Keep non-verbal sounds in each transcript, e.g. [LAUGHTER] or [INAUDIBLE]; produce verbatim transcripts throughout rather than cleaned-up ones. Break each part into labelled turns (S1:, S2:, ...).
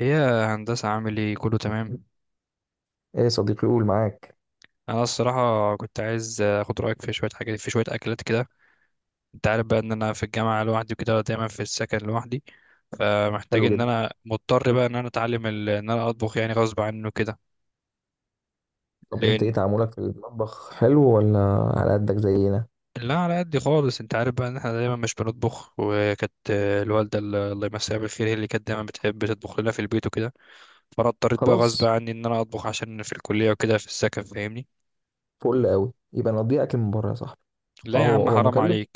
S1: ايه يا هندسة، عامل ايه؟ كله تمام؟
S2: ايه يا صديقي، قول معاك.
S1: انا الصراحة كنت عايز اخد رأيك في شوية حاجات، في شوية اكلات كده. انت عارف بقى ان انا في الجامعة لوحدي وكده، دايما في السكن لوحدي. فمحتاج
S2: حلو
S1: ان
S2: جدا.
S1: انا مضطر بقى ان انا اتعلم ال... ان انا اطبخ يعني غصب عنه كده.
S2: طب انت ايه
S1: لان.
S2: تعاملك في المطبخ؟ حلو ولا على قدك زينا؟
S1: لا، على قد خالص، انت عارف بقى ان احنا دايما مش بنطبخ، وكانت الوالدة ال- الله يمسيها بالخير، هي اللي كانت دايما بتحب تطبخ لنا في البيت وكده. فانا اضطريت بقى غصب
S2: خلاص،
S1: عني ان انا اطبخ عشان في الكلية وكده في السكن، فاهمني.
S2: فل قوي. يبقى نضيع اكل من بره يا صاحبي. اه،
S1: لا يا
S2: هو
S1: عم،
S2: هو
S1: حرام
S2: مكلف.
S1: عليك.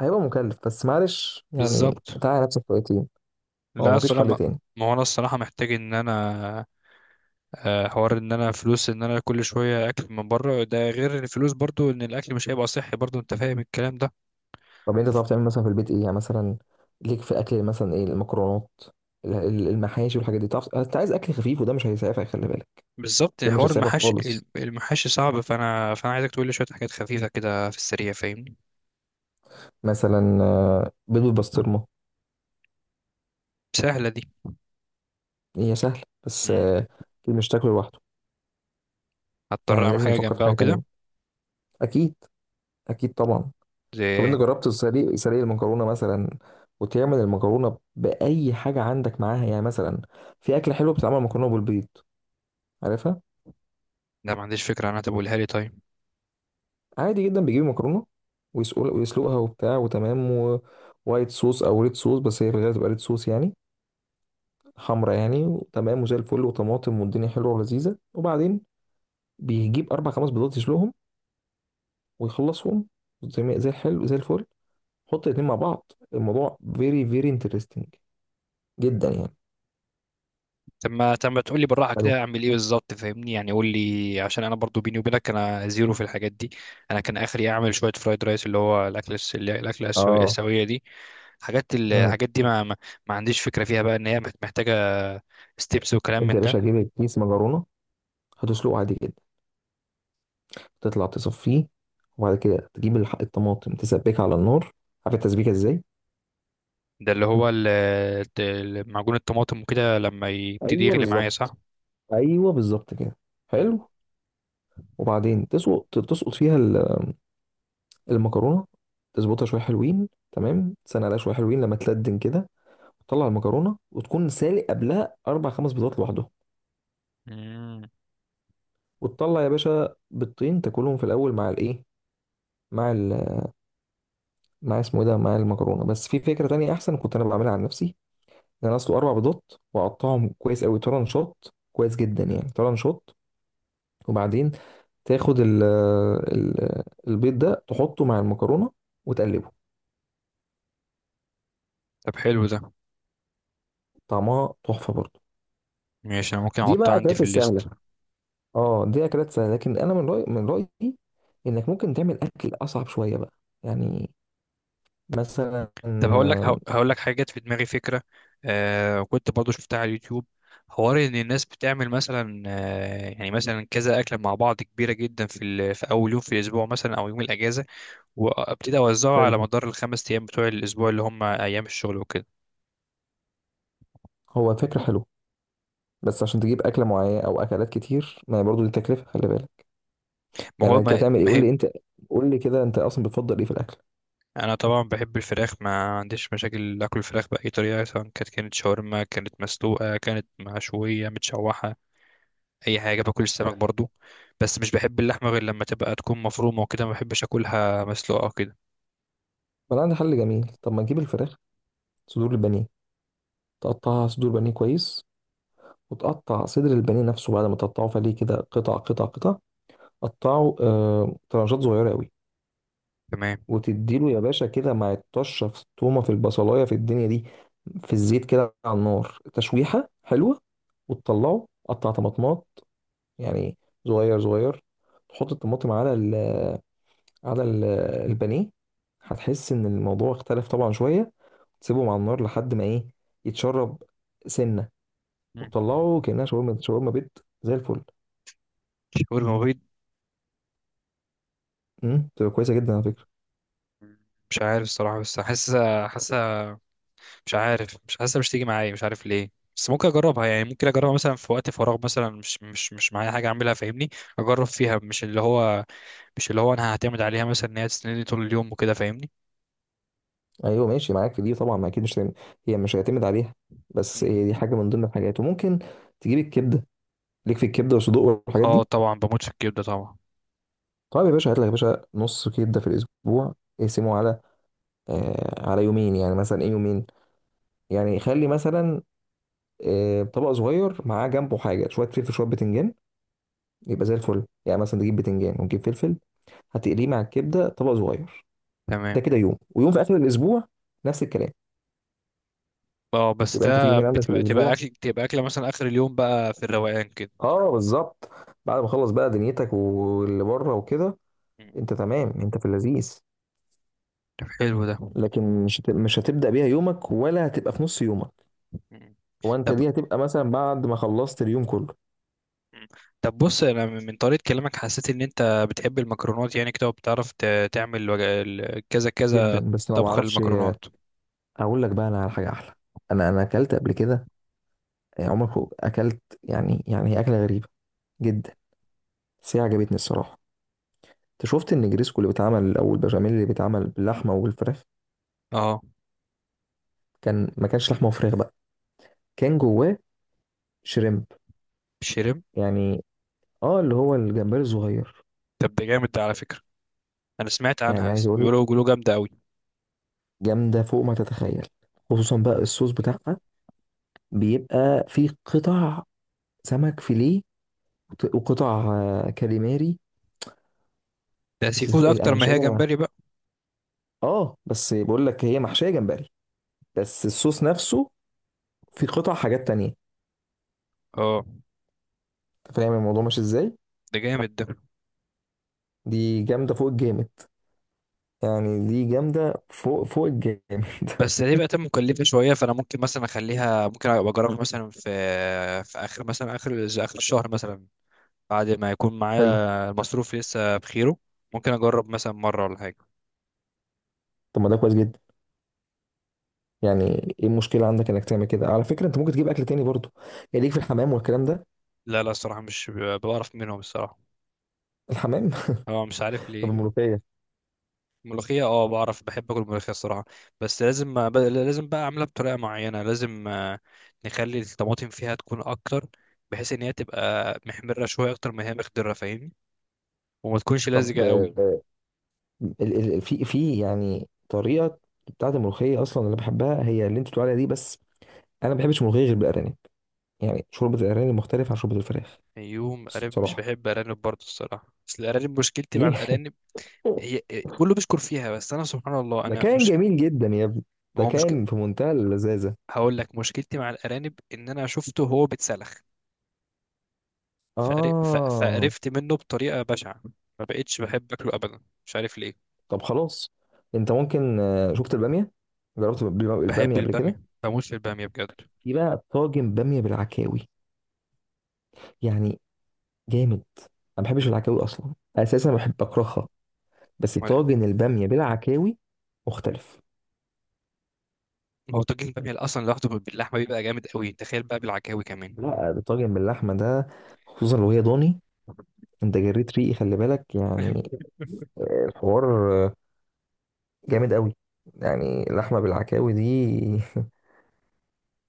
S2: هيبقى مكلف بس معلش، يعني
S1: بالظبط.
S2: تعالى نفسك شويتين. هو
S1: لا
S2: مفيش
S1: الصراحة
S2: حل
S1: ما.
S2: تاني؟
S1: ما هو انا الصراحة محتاج ان انا. آه، حوار ان انا فلوس، ان انا كل شوية اكل من بره، ده غير الفلوس برضو ان الاكل مش هيبقى صحي برضو، انت فاهم الكلام ده.
S2: طب انت تعرف تعمل مثلا في البيت ايه؟ يعني مثلا ليك في الاكل مثلا ايه؟ المكرونات، ال- ال- المحاشي والحاجات دي؟ تعرف انت عايز اكل خفيف وده مش هيسعفك، خلي بالك.
S1: بالظبط،
S2: ده
S1: يعني
S2: مش
S1: حوار
S2: هيسعفك
S1: المحاشي.
S2: خالص.
S1: المحاشي صعب، فانا فانا عايزك تقول لي شوية حاجات خفيفة كده في السريع، فاهمني.
S2: مثلا آه، بيض بالبسطرمه.
S1: سهلة دي.
S2: هي سهله بس
S1: مم.
S2: آه، مش تاكله لوحده،
S1: هضطر
S2: يعني
S1: اعمل
S2: لازم
S1: حاجة
S2: نفكر في
S1: جنبها
S2: حاجه
S1: وكده.
S2: تانية. اكيد، اكيد طبعا.
S1: زي
S2: طب انت
S1: إيه؟
S2: جربت سليق سليق المكرونه مثلا؟ وتعمل المكرونه باي حاجه عندك معاها، يعني مثلا في اكله حلوه بتتعمل مكرونه بالبيض، عارفها؟
S1: لا ما عنديش فكرة، انا تقولها لي طيب.
S2: عادي جدا، بيجيب مكرونه ويسقل ويسلقها وبتاع، وتمام. ووايت صوص او ريد صوص، بس هي في الغالب تبقى ريد صوص يعني، حمرا يعني، وتمام، وزي الفل، وطماطم، والدنيا حلوه ولذيذه. وبعدين بيجيب اربع خمس بيضات يسلقهم ويخلصهم. زي ما- زي الحلو، زي الفل. حط الاتنين مع بعض، الموضوع فيري فيري انترستنج جدا يعني.
S1: طب ما طب ما تقول لي بالراحه كده، اعمل ايه بالظبط، فاهمني، يعني قول لي عشان انا برضو بيني وبينك انا زيرو في الحاجات دي. انا كان اخري اعمل شويه فرايد رايس، اللي هو الاكل الس- اللي- الاكله السو-
S2: اه.
S1: السويه دي. حاجات ال-
S2: مم.
S1: الحاجات دي ما ما, ما عنديش فكره فيها بقى ان هي محت- محتاجه ستيبس وكلام
S2: انت
S1: من
S2: يا
S1: ده.
S2: باشا هتجيب كيس مكرونه، هتسلقه عادي جدا، تطلع تصفيه، وبعد كده تجيب الح- الطماطم، تسبكها على النار. عارف التسبيكه ازاي؟
S1: ده اللي هو ال- ال- معجون الطماطم وكده، لما يبتدي
S2: ايوه
S1: يغلي معايا
S2: بالظبط.
S1: صح؟
S2: ايوه بالظبط كده.
S1: مم.
S2: حلو. وبعدين تسقط تسقط فيها ال- المكرونه، تظبطها شويه حلوين، تمام، تستنى عليها شويه حلوين لما تلدن كده. تطلع المكرونه، وتكون سالق قبلها اربع خمس بيضات لوحدهم.
S1: مم.
S2: وتطلع يا باشا بيضتين تاكلهم في الاول مع الايه، مع ال... مع اسمه ايه ده، مع المكرونه. بس في فكره تانية احسن كنت انا بعملها عن نفسي. انا اسلق اربع بيضات واقطعهم كويس قوي طرنشات، كويس جدا يعني طرنشات. وبعدين تاخد ال ال البيض ده، تحطه مع المكرونه وتقلبه.
S1: طب حلو ده.
S2: طعمها تحفه برضه.
S1: ماشي، انا ممكن
S2: دي
S1: احطه
S2: بقى
S1: عندي
S2: اكلات
S1: في
S2: السهله.
S1: الليست.
S2: اه، دي اكلات سهله، لكن انا من رايي، من رايي انك ممكن تعمل اكل اصعب شويه بقى، يعني مثلا
S1: طب هقول لك
S2: آم،
S1: هقول لك حاجه جت في دماغي فكره. آه كنت برضو شفتها على اليوتيوب. حوار ان الناس بتعمل مثلا آه يعني مثلا كذا اكله مع بعض كبيره جدا في ال- في اول يوم في الاسبوع مثلا، او يوم الاجازه، وابتدي اوزعه
S2: حلو.
S1: على مدار الخمس ايام بتوع الاسبوع اللي هم ايام الشغل وكده.
S2: هو فكره حلوه، بس عشان تجيب اكله معينه او اكلات كتير، ما هي برضه دي تكلفه، خلي بالك.
S1: ما
S2: يعني
S1: هو ما
S2: هتعمل ايه؟
S1: ما
S2: قول
S1: هي.
S2: لي انت. قول لي كده، انت اصلا بتفضل ايه في الاكل؟
S1: انا طبعا بحب الفراخ، ما عنديش مشاكل اكل الفراخ باي طريقه، سواء كانت كانت شاورما، كانت مسلوقه، كانت مشويه، متشوحه. اي حاجه، باكل السمك برضو. بس مش بحب اللحمه غير لما تبقى تكون مفرومه وكده، ما بحبش اكلها مسلوقه وكده.
S2: ما انا عندي حل جميل. طب ما تجيب الفراخ، صدور البانيه، تقطعها صدور بانيه كويس، وتقطع صدر البانيه نفسه بعد ما تقطعه فليه كده، قطع قطع قطع، قطعه آه طرنشات صغيره قوي.
S1: تمام.
S2: وتديله يا باشا كده مع الطشه، في التومه، في البصلايه، في الدنيا دي، في الزيت، كده على النار، تشويحه حلوه. وتطلعه قطع طماطمات يعني صغير صغير، تحط الطماطم على ال على ال البانيه. هتحس ان الموضوع اختلف طبعا شويه. تسيبهم على النار لحد ما ايه، يتشرب سنه،
S1: مم.
S2: وتطلعه كانها شاورما، شاورما بيت زي الفل.
S1: شاورما بيض.
S2: امم، تبقى كويسه جدا على فكره.
S1: مش عارف الصراحه، بس حاسه حاسه. مش عارف، مش حاسه، مش تيجي معايا، مش عارف ليه. بس ممكن اجربها، يعني ممكن اجربها مثلا في وقت فراغ مثلا، مش مش مش معايا حاجه اعملها، فاهمني. اجرب فيها مش اللي هو مش اللي هو انا هعتمد عليها مثلا ان هي تسندني طول اليوم وكده، فاهمني.
S2: ايوه، ماشي معاك في دي طبعا. ما اكيد مش هتعمل، هي مش هيعتمد عليها، بس
S1: مم.
S2: هي دي حاجه من ضمن الحاجات. وممكن تجيب الكبده، ليك في الكبده والصدوق والحاجات
S1: اه
S2: دي.
S1: طبعا، بموت في الكبده طبعا.
S2: طيب يا باشا، هات لك يا باشا نص كبده في الاسبوع، اقسمه على آه على يومين، يعني مثلا ايه، يومين، يعني خلي مثلا آه طبق صغير، معاه جنبه حاجه، شويه فلفل، شويه بتنجان، يبقى زي الفل. يعني مثلا تجيب بتنجان ونجيب فلفل، هتقليه مع الكبده، طبق صغير. ده
S1: تمام.
S2: كده يوم، ويوم في اخر الاسبوع نفس الكلام.
S1: اه بس
S2: يبقى انت في
S1: ده
S2: يومين عندك في
S1: بتبقى تبقى
S2: الاسبوع.
S1: اكل تبقى اكله مثلا اخر اليوم بقى في الروقان كده.
S2: اه بالظبط. بعد ما خلص بقى دنيتك واللي بره وكده،
S1: مم.
S2: انت تمام، انت في اللذيذ.
S1: طب حلو ده.
S2: لكن مش هت- مش هتبدا بيها يومك، ولا هتبقى في نص يومك.
S1: مم.
S2: هو انت
S1: طب.
S2: دي هتبقى مثلا بعد ما خلصت اليوم كله.
S1: مم. طب بص، انا من من طريقه كلامك حسيت ان انت بتحب المكرونات، يعني كده وبتعرف ت- تعمل وج- ال- كذا كذا
S2: جدا. بس لو ما
S1: طبخه
S2: اعرفش
S1: للمكرونات.
S2: اقول لك بقى، انا على حاجه احلى. انا انا اكلت قبل كده. عمرك اكلت يعني، يعني هي اكله غريبه جدا، بس هي عجبتني الصراحه. انت شفت النجريسكو اللي بيتعمل، او البشاميل اللي بيتعمل باللحمه والفراخ؟
S1: اه.
S2: كان ما كانش لحمه وفراخ بقى، كان جواه شريمب
S1: شرم.
S2: يعني، اه، اللي هو الجمبري الصغير.
S1: طب ده جامد ده على فكره. انا سمعت
S2: يعني
S1: عنها
S2: عايز
S1: س-
S2: اقول لك،
S1: بيقولوا بيقولوا جامده قوي.
S2: جامده فوق ما تتخيل. خصوصا بقى الصوص بتاعها، بيبقى فيه قطع سمك فيليه، وت- وقطع آه، كاليماري.
S1: ده سي
S2: الف-
S1: فود اكتر
S2: انا
S1: ما
S2: مش
S1: هي
S2: قادر أنا-
S1: جمبري بقى.
S2: اه. بس بقول لك، هي محشيه جمبري، بس الصوص نفسه فيه قطع حاجات تانية.
S1: اه
S2: انت فاهم الموضوع ماشي ازاي؟
S1: ده جامد ده.
S2: دي جامده فوق الجامد، يعني دي جامدة فوق فوق الجامد.
S1: بس دي بقت مكلفة شوية، فأنا ممكن مثلا أخليها، ممكن أبقى أجربها مثلا في في آخر مثلا آخر الز- آخر الشهر مثلا، بعد ما يكون
S2: [LAUGHS]
S1: معايا
S2: حلو.
S1: المصروف لسه بخيره. ممكن أجرب مثلا مرة ولا حاجة.
S2: طب ما ده كويس جدا يعني. ايه المشكلة عندك انك تعمل كده؟ على فكرة، انت ممكن تجيب اكل تاني برضو. يعني ليك في الحمام والكلام ده؟
S1: لا لا، الصراحة مش ب- بعرف منهم الصراحة.
S2: الحمام.
S1: هو مش عارف
S2: [LAUGHS] طب
S1: ليه.
S2: الملوخية؟
S1: ملوخية، اه بعرف، بحب اكل ملوخية الصراحة. بس لازم أب- لازم بقى اعملها بطريقة معينة، لازم آه، نخلي الطماطم فيها تكون اكتر، بحيث ان هي تبقى محمرة شوية اكتر ما هي مخضرة فاهمني، وما تكونش لزجة
S2: طب
S1: قوي.
S2: آه، ال ال في في يعني طريقة بتاعت الملوخية اصلا اللي بحبها هي اللي انت بتقول عليها دي. بس انا ما بحبش الملوخية غير بالارانب. يعني شوربة الارانب مختلفة عن شوربة الفراخ
S1: يوم ارانب، مش
S2: بصراحة.
S1: بحب ارانب برضه الصراحه، بس الارانب مشكلتي مع
S2: ليه؟ [LAUGHS]
S1: الارانب. هي. كله بيشكر فيها بس انا، سبحان الله،
S2: ده
S1: انا
S2: كان
S1: مش.
S2: جميل جدا يا ابني،
S1: ما
S2: ده
S1: هو مشكل.
S2: كان في منتهى اللذاذة.
S1: هقول لك مشكلتي مع الارانب، ان انا شفته وهو بيتسلخ، فقر- ف-
S2: اه.
S1: فقرفت منه بطريقه بشعه، ما بقتش بحب اكله ابدا مش عارف ليه.
S2: طب خلاص، انت ممكن آه، شفت الباميه؟ جربت الب-
S1: بحب
S2: الباميه قبل كده؟
S1: الباميه، بموت في الباميه بجد.
S2: في بقى طاجن باميه بالعكاوي يعني، جامد. انا ما بحبش العكاوي اصلا، اساسا بحب اكرهها، بس
S1: امال إيه؟
S2: طاجن الباميه بالعكاوي مختلف.
S1: ما هو طاجن الباميه اصلا لوحده باللحمه بيبقى جامد قوي، تخيل بقى بالعكاوي كمان.
S2: لا، الطاجن باللحمه ده، خصوصا لو هي ضاني، انت جريت ريقي، خلي بالك يعني.
S1: [LAUGHS]
S2: الحوار آه، جامد قوي، يعني لحمه بالعكاوي دي.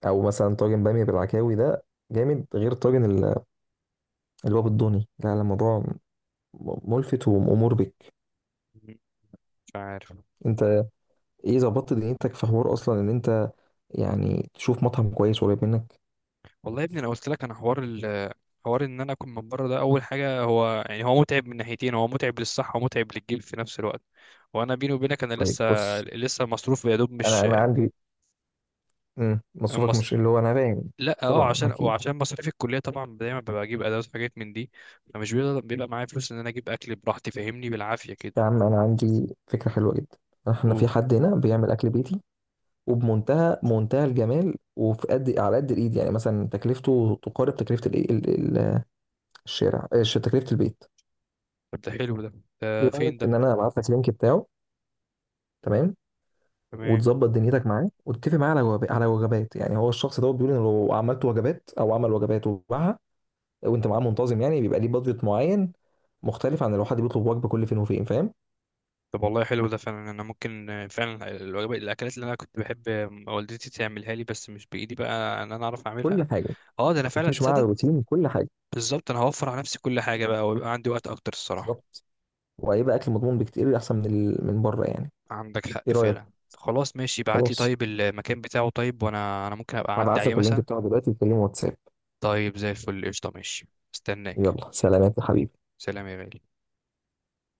S2: [LAUGHS] او مثلا طاجن باميه بالعكاوي ده جامد غير طاجن ال- اللي هو بالضاني. لا لا، الموضوع ملفت ومأمور بك.
S1: مش عارف.
S2: انت ايه ظبطت دنيتك في حوار اصلا ان انت يعني تشوف مطعم كويس قريب منك؟
S1: والله يا ابني، انا قلت لك، انا حوار ال حوار ان انا اكون من بره ده اول حاجه، هو يعني هو متعب من ناحيتين، هو متعب للصحه ومتعب للجيب في نفس الوقت. وانا بيني وبينك انا
S2: طيب
S1: لسه
S2: بص،
S1: لسه مصروف يا دوب
S2: انا
S1: مش
S2: انا عندي، امم، مصروفك
S1: مص...
S2: مش اللي هو انا باين.
S1: لا اه،
S2: طبعا
S1: عشان
S2: اكيد.
S1: وعشان مصاريف الكليه طبعا دايما ببقى اجيب ادوات وحاجات من دي. فمش بيبقى, بيبقى معايا فلوس ان انا اجيب اكل براحتي فاهمني، بالعافيه كده.
S2: يا عم انا عندي فكره حلوه جدا. احنا في
S1: اوه.
S2: حد هنا بيعمل اكل بيتي، وبمنتهى منتهى الجمال، وفي قد على قد الايد. يعني مثلا تكلفته تقارب تكلفه الايه، ال- ال- الشارع. آه، ش- تكلفه البيت.
S1: طب ده حلو ده،
S2: ايه
S1: ده
S2: رايك
S1: فين ده؟
S2: ان انا ابعت لك لينك بتاعه؟ تمام.
S1: تمام.
S2: وتظبط دنيتك معاه، وتتفق معاه على وجب- على وجبات. يعني هو الشخص دوت بيقول ان لو عملت وجبات او عمل وجبات وباعها، وانت معاه منتظم، يعني بيبقى ليه بادجت معين، مختلف عن لو حد بيطلب وجبه كل فين وفين، فاهم؟
S1: طب والله حلو ده فعلا، انا ممكن فعلا الوجبات الاكلات اللي انا كنت بحب والدتي تعملها لي، بس مش بايدي بقى ان انا اعرف اعملها.
S2: كل حاجه.
S1: اه ده انا
S2: انت
S1: فعلا
S2: بتمشي معاه على
S1: تصدق.
S2: روتين كل حاجه.
S1: بالظبط، انا هوفر على نفسي كل حاجه بقى ويبقى عندي وقت اكتر الصراحه.
S2: بالظبط. وهيبقى اكل مضمون بكتير احسن من ال... من بره يعني.
S1: عندك
S2: ايه
S1: حق
S2: رايك؟
S1: فعلا، خلاص ماشي، ابعت لي
S2: خلاص،
S1: طيب المكان بتاعه طيب، وانا انا ممكن ابقى اعدي
S2: هبعت
S1: عليه
S2: لك اللينك
S1: مثلا.
S2: بتاعه دلوقتي، تكلمه واتساب.
S1: طيب زي الفل قشطه ماشي. استناك.
S2: يلا سلامات يا حبيبي.
S1: سلام يا غالي.